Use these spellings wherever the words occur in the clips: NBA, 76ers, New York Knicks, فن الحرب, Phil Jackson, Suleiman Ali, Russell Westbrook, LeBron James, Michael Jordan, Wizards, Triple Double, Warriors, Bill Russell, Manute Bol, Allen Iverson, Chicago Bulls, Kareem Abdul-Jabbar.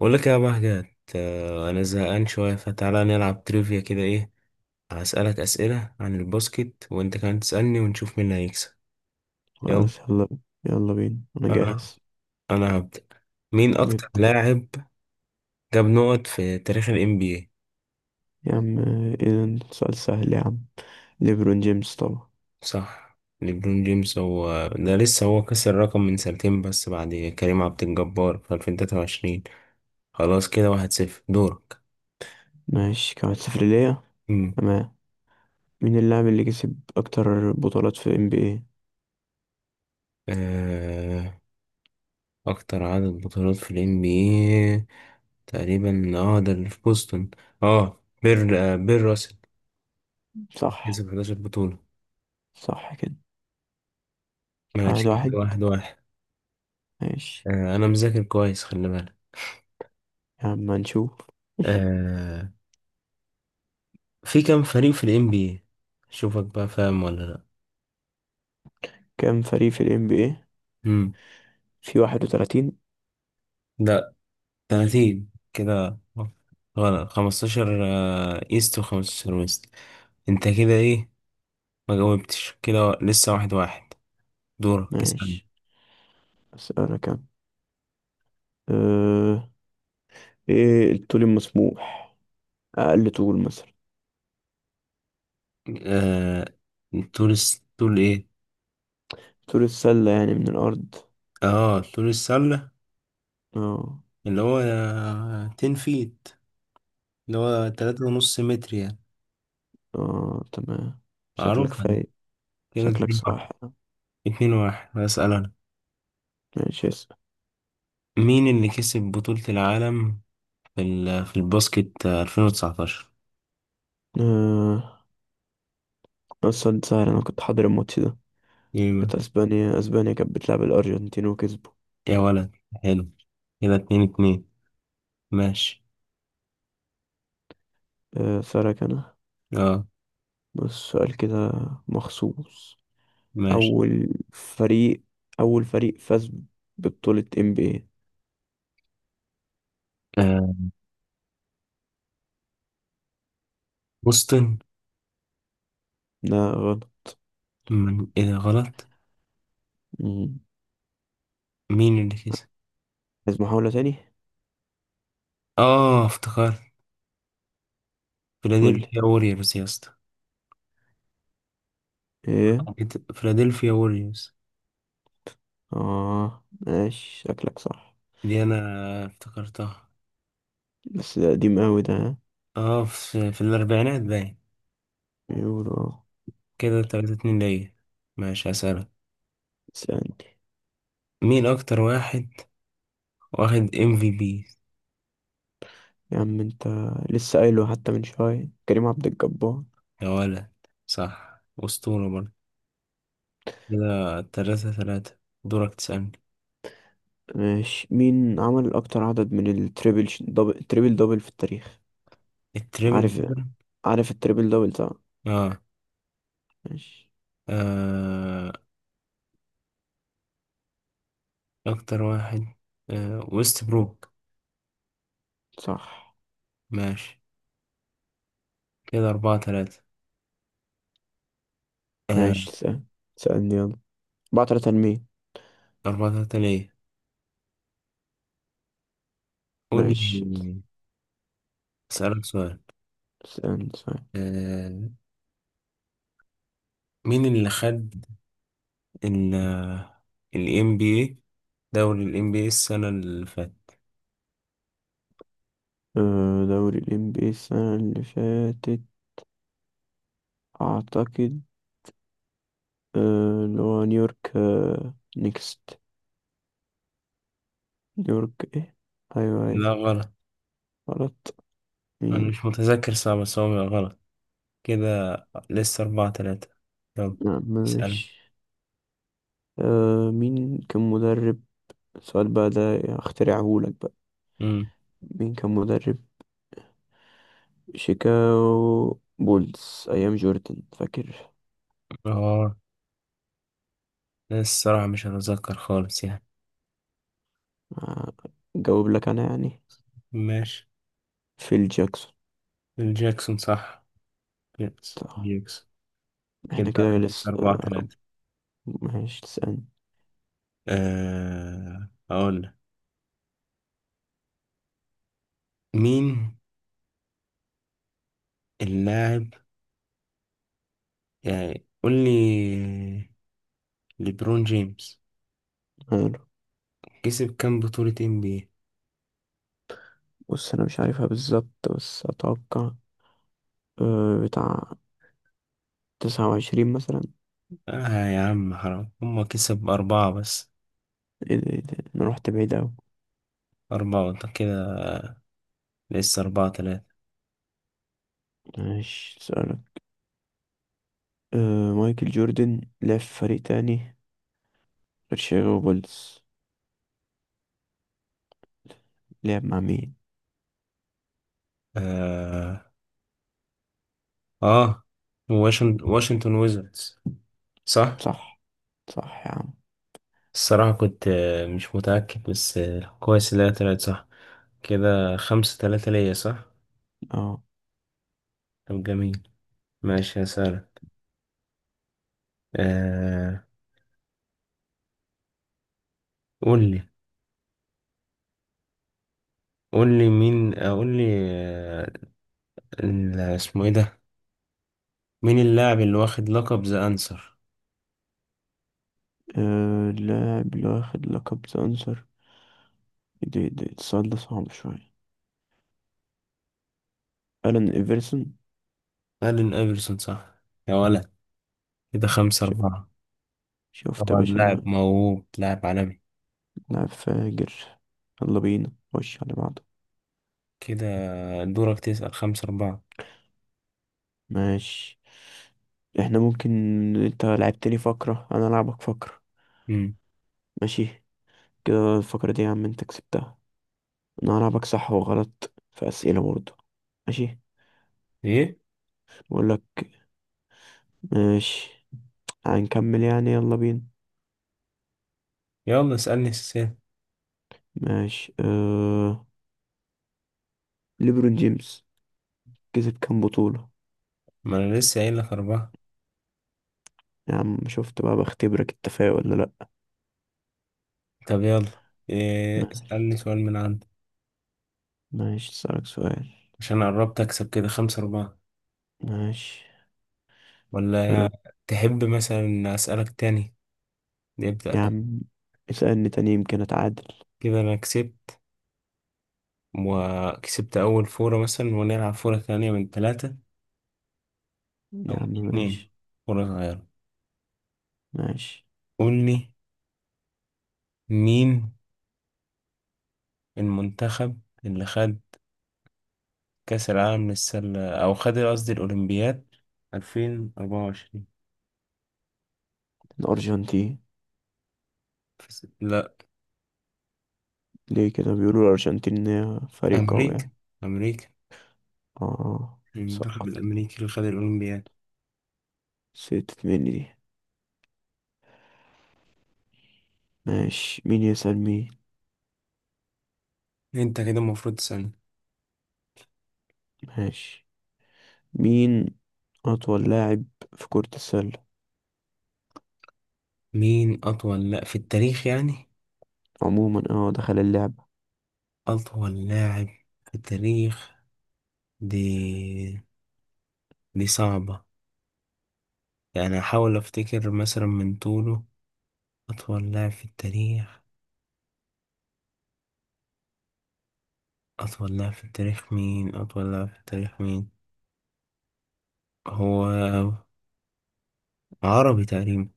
بقول لك يا بهجت. انا زهقان شويه، فتعالى نلعب تريفيا كده، ايه؟ هسألك اسئله عن الباسكت وانت كمان تسألني ونشوف مين اللي هيكسب. يلا. خلاص، يلا. يلا بينا، انا انا جاهز. انا هبدأ. مين اكتر نبدأ. لاعب جاب نقط في تاريخ ال NBA؟ يا عم، اذا سؤال سهل يا عم. ليبرون جيمس طبعا. صح، ليبرون جيمس هو ده، لسه هو كسر الرقم من سنتين بس بعد كريم عبد الجبار في 2023. خلاص كده واحد صفر، دورك. ماشي، كمان صفر ليا. مم. تمام. مين اللاعب اللي كسب اكتر بطولات في ال NBA؟ آه، اكتر عدد بطولات في ال NBA؟ تقريبا، ده اللي في بوسطن، بير راسل صح. كسب 11 بطولة. صح كده، ماشي واحد واحد. كده واحد واحد. ماشي، انا مذاكر كويس، خلي بالك. يا عم هنشوف. آه في كام فريق في ال NBA؟ شوفك بقى فاهم ولا لا. كام فريق في ال NBA؟ مم. في 31. لا، 30 كده غلط. 15 ايست و15 ويست. انت كده ايه؟ ما جاوبتش، كده لسه واحد واحد. دورك اسألني. ماشي، اسألك كام. أه... ايه الطول المسموح، اقل طول مثلا؟ آه طول ايه؟ طول السلة يعني من الارض. اه، طول السلة اه. اللي هو 10 فيت، اللي هو تلاتة ونص متر يعني. اه تمام، شكلك معروفة دي. فايق. كده شكلك اتنين واحد. صاح. اتنين واحد، هسأل أنا. ماشي، اسأل. مين اللي كسب بطولة العالم في الباسكت 2019؟ آه. بس سؤال سهل، أنا كنت حاضر الماتش ده. يا كانت أسبانيا كانت بتلعب الأرجنتين وكسبوا. ولد، حلو. كده اتنين اتنين. ماشي، آه. سألك أنا، اه بس سؤال كده مخصوص. ماشي. أول فريق أول فريق فاز ببطولة NBA. آه. بوسطن. لا غلط. من ايه؟ ده غلط؟ مم. مين اللي كسب؟ عايز محاولة تاني؟ اه، افتكرت. قولي فيلادلفيا ووريرز يا اسطى. ايه. فيلادلفيا ووريرز. اه ماشي، شكلك صح. دي انا افتكرتها. بس ده قديم أوي ده، ها؟ اه، في الأربعينات باين. يورو. كده تلاتة اتنين ليا. ماشي هسألك. اسألني. مين أكتر واحد واخد ام في بي؟ يا عم انت، لسه قايله حتى من شوية، كريم عبد الجبار. يا ولد، صح، أسطورة برضه. كده تلاتة تلاتة. دورك تسألني. ماشي. مين عمل أكتر عدد من التريبل دبل تريبل دبل في التاريخ؟ التريبل عارف. دبل؟ عارف التريبل دبل طبعا. اه, ماشي. آه أكتر واحد، ويست بروك. صح. ماشي كده أربعة تلاتة. آه ماشي سأل. سألني يلا. بعترة تنمية. أربعة تلاتة ليا، قول ماشي. لي. أسألك سؤال. سألني سأل. آه مين اللي خد ال ال NBA؟ دوري ال NBA السنة اللي فاتت. أه دوري ال NBA السنة اللي فاتت، أعتقد اللي هو نيويورك نيكست. نيويورك إيه؟ أيوه أيوه. لا غلط. غلط. أنا مين؟ مش متذكر، صعب، بس هو بيبقى غلط كده. لسه أربعة تلاتة. يلا نعم، اسأل. ماشي. أه، مين كان مدرب السؤال بقى ده اخترعهولك بقى. أمم مين كان مدرب شيكاغو بولز ايام جوردن، فاكر؟ آه لا، الصراحة مش هتذكر خالص يعني. آه، جاوب لك انا يعني، ماشي. فيل جاكسون. الجاكسون صح. يس، صح. جاكسون. كده احنا كده لسه لسه أربعة تلاتة. ماشي، تسألني. أقول لك. مين اللاعب يعني قول لي، ليبرون جيمس حلو. كسب كام بطولة NBA؟ بص انا مش عارفها بالظبط، بس اتوقع بتاع 29 مثلا. آه يا عم حرام، هما كسب أربعة بس. ايه ده ايه ده، انا رحت بعيد اوي. أربعة، وأنت كده لسه أربعة تلاتة. ماشي، سألك. أه مايكل جوردن لعب في فريق تاني غير شيكاغو بولز، لعب مع مين؟ آه, آه. واشنطن ويزردز، صح. صح. صح يا عم. الصراحة كنت مش متأكد، بس كويس إن هي طلعت صح. كده خمسة تلاتة ليا، صح. اه. طب جميل. ماشي هسألك. آه. قول لي، قول لي مين، قول لي، آه. اسمه إيه ده؟ مين اللاعب اللي واخد لقب ذا أنسر؟ اللاعب اللي واخد لقب ذا أنصر. دي السؤال ده صعب شوية. ألان إيفرسون. ألين إيفرسون، صح يا ولد. كده خمسة ش- أربعة. شفت يا طبعا باشا أنا؟ لاعب موهوب، لاعب عالمي. لاعب فاجر. يلا بينا، خش على بعضه. كده دورك تسأل، خمسة أربعة. ماشي. احنا ممكن، انت لعبتني فقرة انا العبك فقرة. مم. ماشي. كده الفقرة دي يا عم انت كسبتها. انا هلعبك صح وغلط في اسئلة برضه. ماشي. إيه؟ بقول لك. ماشي. هنكمل يعني، يلا بينا. يلا اسألني السؤال. ماشي. ليبرون جيمس كسب كام بطولة؟ ما أنا لسه قايل لك أربعة. يا عم شفت بقى، بختبرك التفاؤل ولا؟ طب يلا، إيه؟ لا. اسألني سؤال من عندك ماشي، اسألك سؤال. عشان قربت أكسب كده خمسة أربعة، ماشي. أه. ولا؟ تحب مثلا أسألك تاني، يا نبدأ؟ عم اسألني تاني، يمكن أتعادل. كده أنا كسبت، وكسبت أول فورة مثلا، ونلعب فورة تانية من ثلاثة أو يا من عم اتنين، ماشي. فورة صغيرة. ماشي. قول لي. مين المنتخب اللي خد كأس العالم للسلة، أو خد قصدي الأولمبياد 2024؟ الأرجنتين. لا، ليه كده بيقولوا الأرجنتين إن هي فريق قوي أمريكا. يعني. أمريكا، اه. المنتخب سقط الأمريكي اللي خد الأولمبياد. سقطت مني دي. ماشي، مين يسأل مين؟ أنت كده المفروض تسألني. ماشي. مين أطول لاعب في كرة السلة؟ مين أطول لا في التاريخ يعني؟ عموما اه دخل اللعبة. أطول لاعب في التاريخ. دي دي صعبة. يعني أحاول أفتكر مثلا من طوله. أطول لاعب في التاريخ. أطول لاعب في التاريخ مين؟ أطول لاعب في التاريخ مين؟ هو عربي تقريبا.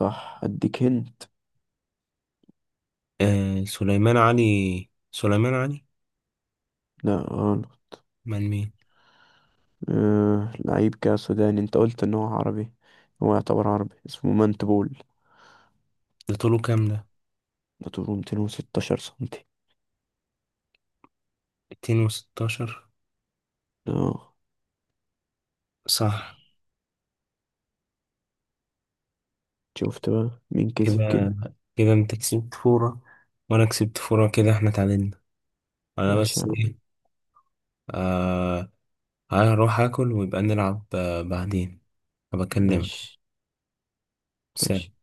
صح، أديك هنت. سليمان علي. سليمان علي. لا غلط. من مين؟ أه لعيب كده سوداني، أنت قلت إن هو عربي. هو يعتبر عربي، اسمه مانتبول. ده طوله كام ده؟ ده طوله 216 سنتي. 216. اه. صح. شفت بقى مين كسب كده. كده، كده انت كسبت فورة، وانا كسبت فورة، كده احنا اتعادلنا. انا ماشي بس، يا عم. ايه، آه هروح اكل، ويبقى نلعب بعدين. هبكلمك، ماشي سلام. ماشي.